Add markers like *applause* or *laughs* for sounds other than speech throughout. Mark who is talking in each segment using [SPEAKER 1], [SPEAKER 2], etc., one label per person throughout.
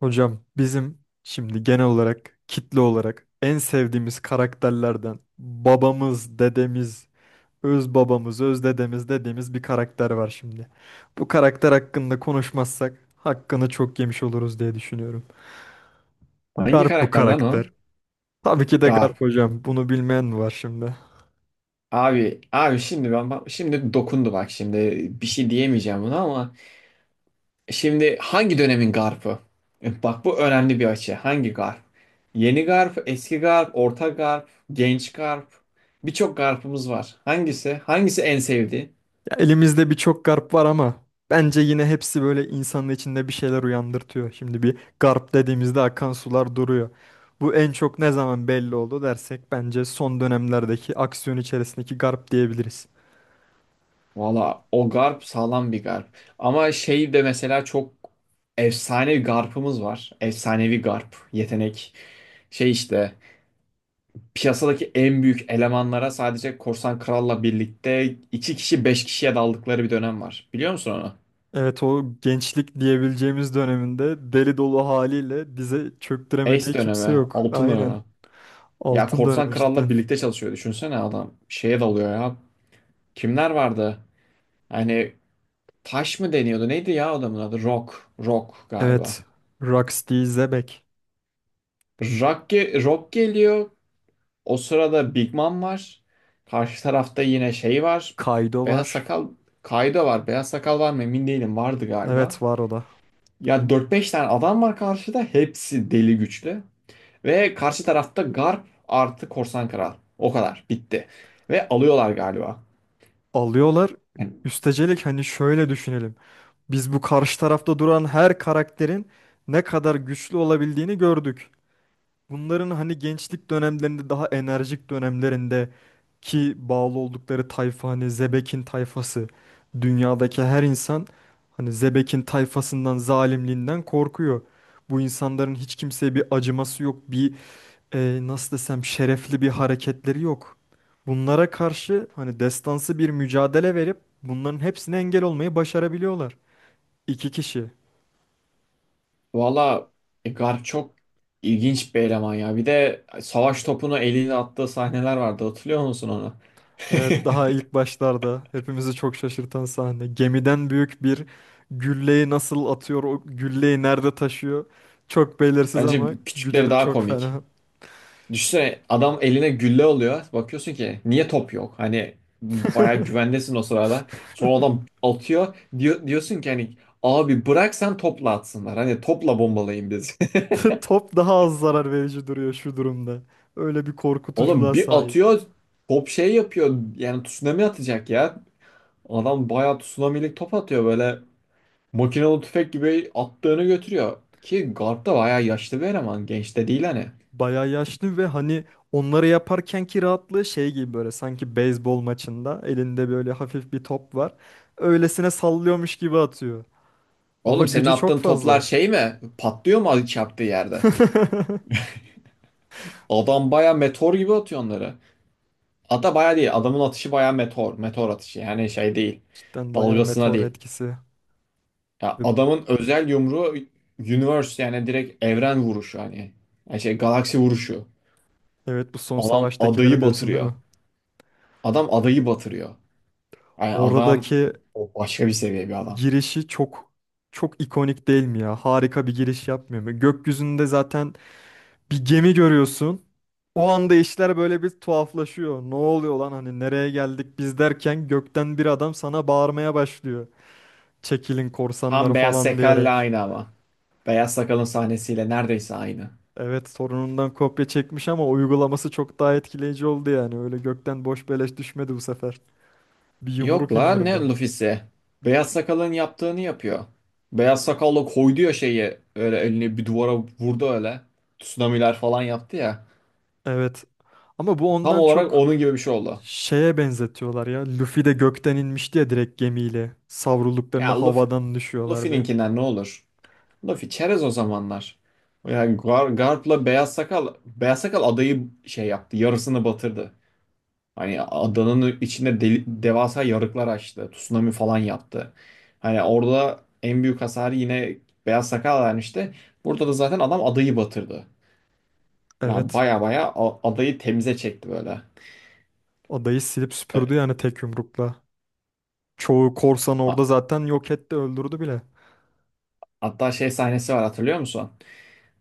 [SPEAKER 1] Hocam bizim şimdi genel olarak kitle olarak en sevdiğimiz karakterlerden babamız, dedemiz, öz babamız, öz dedemiz dediğimiz bir karakter var şimdi. Bu karakter hakkında konuşmazsak hakkını çok yemiş oluruz diye düşünüyorum.
[SPEAKER 2] Hangi
[SPEAKER 1] Garp bu
[SPEAKER 2] karakter lan o?
[SPEAKER 1] karakter. Tabii ki de
[SPEAKER 2] Garp.
[SPEAKER 1] Garp hocam. Bunu bilmeyen mi var şimdi?
[SPEAKER 2] Abi şimdi ben şimdi dokundu, bak, şimdi bir şey diyemeyeceğim buna ama şimdi hangi dönemin Garp'ı? E, bak bu önemli bir açı. Hangi Garp? Yeni Garp, eski Garp, orta Garp, genç Garp. Birçok Garp'ımız var. Hangisi? Hangisi en sevdiği?
[SPEAKER 1] Ya elimizde birçok garp var ama bence yine hepsi böyle insanın içinde bir şeyler uyandırtıyor. Şimdi bir garp dediğimizde akan sular duruyor. Bu en çok ne zaman belli oldu dersek bence son dönemlerdeki aksiyon içerisindeki garp diyebiliriz.
[SPEAKER 2] Valla o Garp sağlam bir Garp. Ama şey de mesela çok efsane bir Garp'ımız var. Efsanevi Garp. Yetenek. Şey işte. Piyasadaki en büyük elemanlara sadece Korsan Kral'la birlikte iki kişi beş kişiye daldıkları bir dönem var. Biliyor musun onu?
[SPEAKER 1] Evet, o gençlik diyebileceğimiz döneminde deli dolu haliyle bize
[SPEAKER 2] Ace
[SPEAKER 1] çöktüremediği kimse
[SPEAKER 2] dönemi,
[SPEAKER 1] yok.
[SPEAKER 2] altın
[SPEAKER 1] Aynen.
[SPEAKER 2] dönemi. Ya
[SPEAKER 1] Altın
[SPEAKER 2] Korsan
[SPEAKER 1] dönemi cidden.
[SPEAKER 2] Kral'la birlikte çalışıyor. Düşünsene adam şeye dalıyor ya. Kimler vardı? Hani taş mı deniyordu? Neydi ya adamın adı? Rock. Rock galiba.
[SPEAKER 1] Evet. Rocksteady Zebek.
[SPEAKER 2] Rock, Rock geliyor. O sırada Big Mom var. Karşı tarafta yine şey var.
[SPEAKER 1] Kaido
[SPEAKER 2] Beyaz
[SPEAKER 1] var.
[SPEAKER 2] Sakal, Kaido var. Beyaz Sakal var mı emin değilim. Vardı galiba.
[SPEAKER 1] Evet, var o da.
[SPEAKER 2] Ya dört beş tane adam var karşıda. Hepsi deli güçlü. Ve karşı tarafta Garp artı Korsan Kral. O kadar. Bitti. Ve alıyorlar galiba.
[SPEAKER 1] Alıyorlar.
[SPEAKER 2] Yani,
[SPEAKER 1] Üstecelik hani şöyle düşünelim. Biz bu karşı tarafta duran her karakterin ne kadar güçlü olabildiğini gördük. Bunların hani gençlik dönemlerinde, daha enerjik dönemlerinde ki bağlı oldukları tayfa hani Zebek'in tayfası. Dünyadaki her insan hani Zebek'in tayfasından, zalimliğinden korkuyor. Bu insanların hiç kimseye bir acıması yok, bir nasıl desem şerefli bir hareketleri yok. Bunlara karşı hani destansı bir mücadele verip bunların hepsine engel olmayı başarabiliyorlar. İki kişi.
[SPEAKER 2] valla, Garp çok ilginç bir eleman ya. Bir de savaş topunu eliyle attığı sahneler vardı. Hatırlıyor musun onu? *laughs*
[SPEAKER 1] Evet, daha ilk başlarda hepimizi çok şaşırtan sahne. Gemiden büyük bir gülleyi nasıl atıyor, o gülleyi nerede taşıyor? Çok belirsiz
[SPEAKER 2] Bence
[SPEAKER 1] ama gücü
[SPEAKER 2] küçükleri
[SPEAKER 1] de
[SPEAKER 2] daha
[SPEAKER 1] çok
[SPEAKER 2] komik.
[SPEAKER 1] fena.
[SPEAKER 2] Düşünsene adam eline gülle alıyor. Bakıyorsun ki niye top yok? Hani bayağı güvendesin o sırada. Sonra adam atıyor. Diyorsun ki hani abi bırak sen topla atsınlar. Hani topla bombalayın biz.
[SPEAKER 1] *laughs* Top daha az zarar verici duruyor şu durumda. Öyle bir
[SPEAKER 2] *laughs* Oğlum
[SPEAKER 1] korkutuculuğa
[SPEAKER 2] bir
[SPEAKER 1] sahip.
[SPEAKER 2] atıyor top şey yapıyor. Yani tsunami atacak ya. Adam bayağı tsunamilik top atıyor böyle. Makinalı tüfek gibi attığını götürüyor. Ki guard da bayağı yaşlı bir eleman. Genç de değil hani.
[SPEAKER 1] Bayağı yaşlı ve hani onları yaparkenki rahatlığı şey gibi, böyle sanki beyzbol maçında elinde böyle hafif bir top var. Öylesine sallıyormuş gibi atıyor. Ama
[SPEAKER 2] Oğlum senin
[SPEAKER 1] gücü çok
[SPEAKER 2] attığın toplar
[SPEAKER 1] fazla.
[SPEAKER 2] şey mi? Patlıyor mu çarptığı yerde?
[SPEAKER 1] *laughs*
[SPEAKER 2] Adam baya meteor gibi atıyor onları. Hatta baya değil. Adamın atışı baya meteor. Meteor atışı. Yani şey değil.
[SPEAKER 1] Cidden bayağı
[SPEAKER 2] Dalgasına
[SPEAKER 1] meteor
[SPEAKER 2] değil.
[SPEAKER 1] etkisi.
[SPEAKER 2] Ya
[SPEAKER 1] Ve
[SPEAKER 2] adamın özel yumruğu universe, yani direkt evren vuruşu hani. Yani şey galaksi vuruşu.
[SPEAKER 1] Evet, bu son
[SPEAKER 2] Adam
[SPEAKER 1] savaştakilere
[SPEAKER 2] adayı
[SPEAKER 1] diyorsun değil
[SPEAKER 2] batırıyor.
[SPEAKER 1] mi?
[SPEAKER 2] Adam adayı batırıyor. Yani adam
[SPEAKER 1] Oradaki
[SPEAKER 2] o başka bir seviye bir adam.
[SPEAKER 1] girişi çok ikonik değil mi ya? Harika bir giriş yapmıyor mu? Gökyüzünde zaten bir gemi görüyorsun. O anda işler böyle bir tuhaflaşıyor. Ne oluyor lan, hani nereye geldik biz derken gökten bir adam sana bağırmaya başlıyor. Çekilin
[SPEAKER 2] Tam
[SPEAKER 1] korsanlar
[SPEAKER 2] Beyaz
[SPEAKER 1] falan
[SPEAKER 2] Sakal'la
[SPEAKER 1] diyerek.
[SPEAKER 2] aynı ama. Beyaz Sakal'ın sahnesiyle neredeyse aynı.
[SPEAKER 1] Evet, sorunundan kopya çekmiş ama uygulaması çok daha etkileyici oldu yani. Öyle gökten boş beleş düşmedi bu sefer. Bir
[SPEAKER 2] Yok
[SPEAKER 1] yumruk
[SPEAKER 2] la, ne
[SPEAKER 1] indirdi.
[SPEAKER 2] Luffy'si? Beyaz Sakal'ın yaptığını yapıyor. Beyaz Sakal'la koydu ya şeyi, öyle elini bir duvara vurdu öyle. Tsunami'ler falan yaptı ya.
[SPEAKER 1] Evet. Ama bu
[SPEAKER 2] Tam
[SPEAKER 1] ondan
[SPEAKER 2] olarak
[SPEAKER 1] çok
[SPEAKER 2] onun gibi bir şey oldu.
[SPEAKER 1] Şeye benzetiyorlar ya. Luffy de gökten inmişti ya direkt gemiyle. Savrulduklarında
[SPEAKER 2] Ya Luffy,
[SPEAKER 1] havadan düşüyorlardı.
[SPEAKER 2] Luffy'ninkinden ne olur? Luffy çerez o zamanlar. Ya Garp'la Beyaz Sakal adayı şey yaptı, yarısını batırdı. Hani adanın içinde devasa yarıklar açtı. Tsunami falan yaptı. Hani orada en büyük hasarı yine Beyaz Sakal vermişti. Burada da zaten adam adayı batırdı. Ya
[SPEAKER 1] Evet.
[SPEAKER 2] baya baya adayı temize çekti böyle.
[SPEAKER 1] Adayı silip süpürdü
[SPEAKER 2] E,
[SPEAKER 1] yani tek yumrukla. Çoğu korsan
[SPEAKER 2] a-
[SPEAKER 1] orada zaten yok etti, öldürdü bile.
[SPEAKER 2] hatta şey sahnesi var, hatırlıyor musun?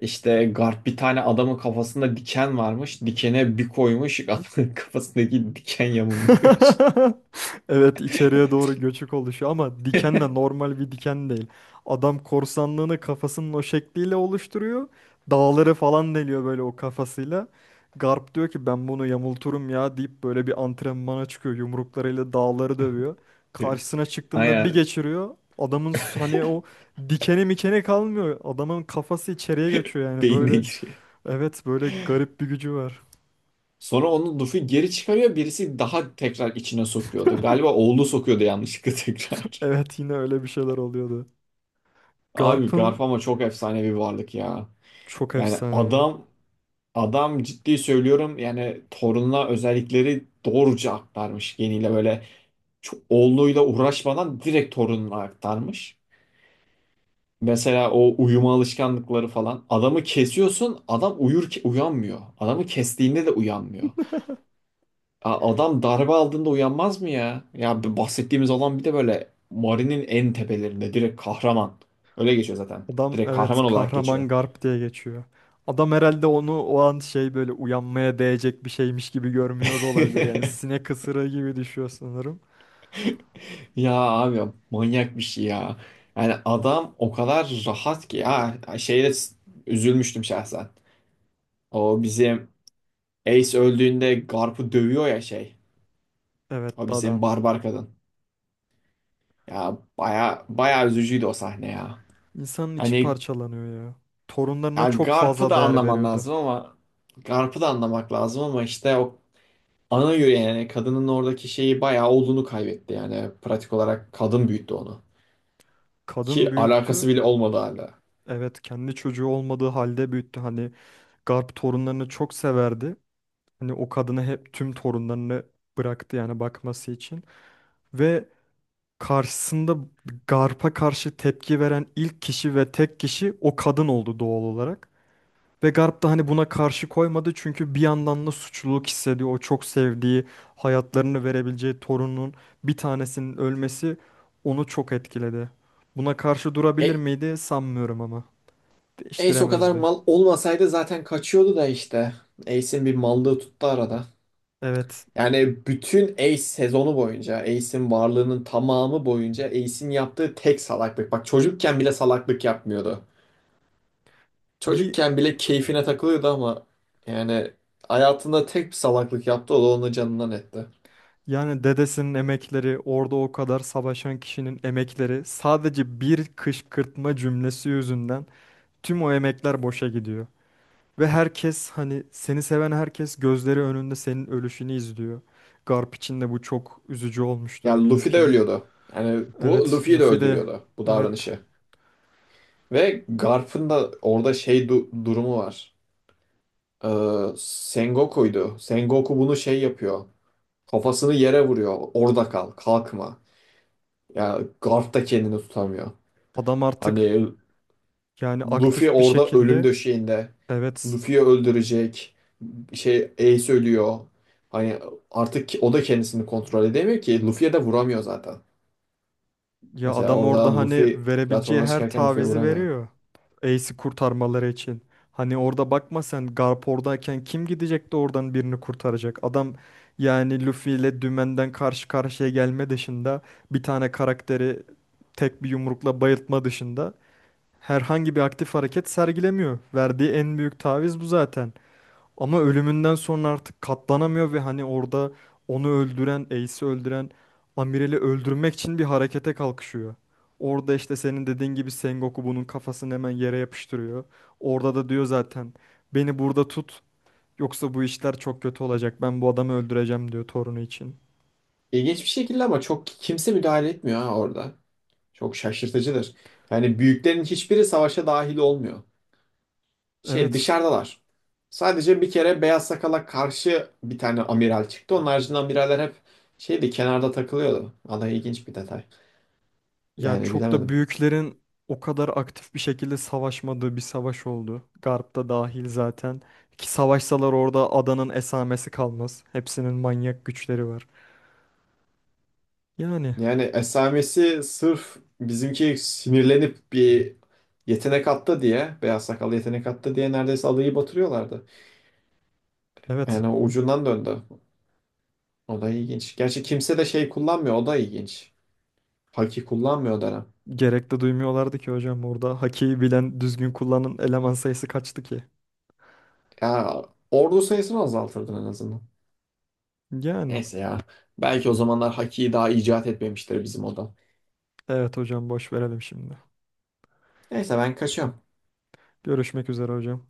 [SPEAKER 2] İşte Garp, bir tane adamın kafasında diken varmış. Dikene bir koymuş. *laughs* Adamın kafasındaki diken yamulmuş.
[SPEAKER 1] *laughs* Evet, içeriye doğru göçük oluşuyor ama diken de
[SPEAKER 2] *laughs*
[SPEAKER 1] normal bir diken değil. Adam korsanlığını kafasının o şekliyle oluşturuyor. Dağları falan deliyor böyle o kafasıyla. Garp diyor ki ben bunu yamulturum ya deyip böyle bir antrenmana çıkıyor. Yumruklarıyla dağları dövüyor. Karşısına çıktığında bir
[SPEAKER 2] Aynen,
[SPEAKER 1] geçiriyor. Hani o dikeni mikeni kalmıyor. Adamın kafası içeriye göçüyor yani
[SPEAKER 2] beynine
[SPEAKER 1] böyle.
[SPEAKER 2] giriyor.
[SPEAKER 1] Evet, böyle garip bir gücü var. *laughs*
[SPEAKER 2] Sonra onu Luffy geri çıkarıyor. Birisi daha tekrar içine sokuyordu. Galiba oğlu sokuyordu yanlışlıkla *laughs* tekrar.
[SPEAKER 1] Evet, yine öyle bir şeyler oluyordu.
[SPEAKER 2] Abi Garp
[SPEAKER 1] Garp'ın
[SPEAKER 2] ama çok efsane bir varlık ya.
[SPEAKER 1] Çok
[SPEAKER 2] Yani
[SPEAKER 1] efsane ya.
[SPEAKER 2] adam ciddi söylüyorum, yani torununa özellikleri doğruca aktarmış, geniyle böyle çok, oğluyla uğraşmadan direkt torununa aktarmış. Mesela o uyuma alışkanlıkları falan. Adamı kesiyorsun, adam uyur, uyanmıyor. Adamı kestiğinde de uyanmıyor. Adam darbe aldığında uyanmaz mı ya? Ya bu bahsettiğimiz olan bir de böyle Mari'nin en tepelerinde direkt kahraman. Öyle geçiyor zaten.
[SPEAKER 1] Adam
[SPEAKER 2] Direkt
[SPEAKER 1] evet,
[SPEAKER 2] kahraman olarak geçiyor.
[SPEAKER 1] kahraman Garp diye geçiyor. Adam herhalde onu o an şey, böyle uyanmaya değecek bir şeymiş gibi görmüyor da olabilir. Yani
[SPEAKER 2] *laughs*
[SPEAKER 1] sinek ısırığı gibi düşüyor sanırım.
[SPEAKER 2] Ya abi manyak bir şey ya. Yani adam o kadar rahat ki ya, şeyde üzülmüştüm şahsen. O bizim Ace öldüğünde Garp'ı dövüyor ya şey.
[SPEAKER 1] Evet,
[SPEAKER 2] O
[SPEAKER 1] dadan.
[SPEAKER 2] bizim barbar kadın. Ya baya baya üzücüydü o sahne ya.
[SPEAKER 1] İnsanın içi
[SPEAKER 2] Hani,
[SPEAKER 1] parçalanıyor ya. Torunlarına
[SPEAKER 2] yani
[SPEAKER 1] çok
[SPEAKER 2] Garp'ı
[SPEAKER 1] fazla
[SPEAKER 2] da
[SPEAKER 1] değer
[SPEAKER 2] anlaman
[SPEAKER 1] veriyordu.
[SPEAKER 2] lazım ama Garp'ı da anlamak lazım, ama işte o ana yüreği, yani kadının oradaki şeyi bayağı olduğunu kaybetti, yani pratik olarak kadın büyüttü onu.
[SPEAKER 1] Kadın
[SPEAKER 2] Ki alakası
[SPEAKER 1] büyüttü.
[SPEAKER 2] bile olmadı hala.
[SPEAKER 1] Evet, kendi çocuğu olmadığı halde büyüttü. Hani Garp torunlarını çok severdi. Hani o kadını hep, tüm torunlarını bıraktı yani bakması için. Ve karşısında Garp'a karşı tepki veren ilk kişi ve tek kişi o kadın oldu doğal olarak. Ve Garp da hani buna karşı koymadı çünkü bir yandan da suçluluk hissediyor. O çok sevdiği, hayatlarını verebileceği torunun bir tanesinin ölmesi onu çok etkiledi. Buna karşı durabilir
[SPEAKER 2] E,
[SPEAKER 1] miydi? Sanmıyorum ama.
[SPEAKER 2] Ace o kadar
[SPEAKER 1] Değiştiremezdi.
[SPEAKER 2] mal olmasaydı zaten kaçıyordu da işte. Ace'in bir mallığı tuttu arada.
[SPEAKER 1] Evet.
[SPEAKER 2] Yani bütün Ace sezonu boyunca, Ace'in varlığının tamamı boyunca Ace'in yaptığı tek salaklık. Bak çocukken bile salaklık yapmıyordu.
[SPEAKER 1] Bir,
[SPEAKER 2] Çocukken bile keyfine takılıyordu ama yani hayatında tek bir salaklık yaptı, o da onu canından etti.
[SPEAKER 1] yani dedesinin emekleri, orada o kadar savaşan kişinin emekleri sadece bir kışkırtma cümlesi yüzünden tüm o emekler boşa gidiyor. Ve herkes hani seni seven herkes gözleri önünde senin ölüşünü izliyor. Garp için de bu çok üzücü olmuştur
[SPEAKER 2] Ya
[SPEAKER 1] eminim
[SPEAKER 2] Luffy de
[SPEAKER 1] ki.
[SPEAKER 2] ölüyordu. Yani bu
[SPEAKER 1] Evet,
[SPEAKER 2] Luffy'yi de
[SPEAKER 1] Luffy de
[SPEAKER 2] öldürüyordu bu
[SPEAKER 1] evet,
[SPEAKER 2] davranışı. Ve Garp'ın da orada şey durumu var. Ee, Sengoku'ydu. Sengoku bunu şey yapıyor. Kafasını yere vuruyor. Orada kal, kalkma. Ya Garp da kendini tutamıyor.
[SPEAKER 1] adam artık
[SPEAKER 2] Hani
[SPEAKER 1] yani
[SPEAKER 2] Luffy
[SPEAKER 1] aktif bir
[SPEAKER 2] orada ölüm
[SPEAKER 1] şekilde
[SPEAKER 2] döşeğinde.
[SPEAKER 1] evet.
[SPEAKER 2] Luffy'yi öldürecek. Şey, Ace ölüyor. Hani artık o da kendisini kontrol edemiyor ki. Luffy'ye de vuramıyor zaten.
[SPEAKER 1] Ya
[SPEAKER 2] Mesela
[SPEAKER 1] adam
[SPEAKER 2] orada
[SPEAKER 1] orada hani
[SPEAKER 2] Luffy
[SPEAKER 1] verebileceği
[SPEAKER 2] platforma
[SPEAKER 1] her
[SPEAKER 2] çıkarken Luffy'ye
[SPEAKER 1] tavizi
[SPEAKER 2] vuramıyor.
[SPEAKER 1] veriyor. Ace'i kurtarmaları için. Hani orada bakma, sen Garp oradayken kim gidecek de oradan birini kurtaracak? Adam yani Luffy ile dümenden karşı karşıya gelme dışında, bir tane karakteri tek bir yumrukla bayıltma dışında herhangi bir aktif hareket sergilemiyor. Verdiği en büyük taviz bu zaten. Ama ölümünden sonra artık katlanamıyor ve hani orada onu öldüren, Ace'i öldüren Amirel'i öldürmek için bir harekete kalkışıyor. Orada işte senin dediğin gibi Sengoku bunun kafasını hemen yere yapıştırıyor. Orada da diyor zaten, beni burada tut yoksa bu işler çok kötü olacak. Ben bu adamı öldüreceğim diyor torunu için.
[SPEAKER 2] İlginç bir şekilde ama çok kimse müdahale etmiyor ha orada. Çok şaşırtıcıdır. Yani büyüklerin hiçbiri savaşa dahil olmuyor. Şey,
[SPEAKER 1] Evet.
[SPEAKER 2] dışarıdalar. Sadece bir kere Beyaz Sakal'a karşı bir tane amiral çıktı. Onun haricinde amiraller hep şeydi, kenarda takılıyordu. Vallahi ilginç bir detay.
[SPEAKER 1] Ya
[SPEAKER 2] Yani
[SPEAKER 1] çok da
[SPEAKER 2] bilemedim.
[SPEAKER 1] büyüklerin o kadar aktif bir şekilde savaşmadığı bir savaş oldu. Garp da dahil zaten. Ki savaşsalar orada adanın esamesi kalmaz. Hepsinin manyak güçleri var. Yani
[SPEAKER 2] Yani esamesi sırf bizimki sinirlenip bir yetenek attı diye, beyaz sakallı yetenek attı diye neredeyse adayı batırıyorlardı.
[SPEAKER 1] evet,
[SPEAKER 2] Yani o ucundan döndü. O da ilginç. Gerçi kimse de şey kullanmıyor. O da ilginç. Haki kullanmıyor Dara.
[SPEAKER 1] gerek de duymuyorlardı ki hocam orada. Hakiyi bilen düzgün kullanan eleman sayısı kaçtı ki?
[SPEAKER 2] Ya ordu sayısını azaltırdın en azından.
[SPEAKER 1] Yani
[SPEAKER 2] Neyse ya. Belki o zamanlar Haki'yi daha icat etmemiştir bizim o da.
[SPEAKER 1] evet hocam, boş verelim şimdi.
[SPEAKER 2] Neyse ben kaçıyorum.
[SPEAKER 1] Görüşmek üzere hocam.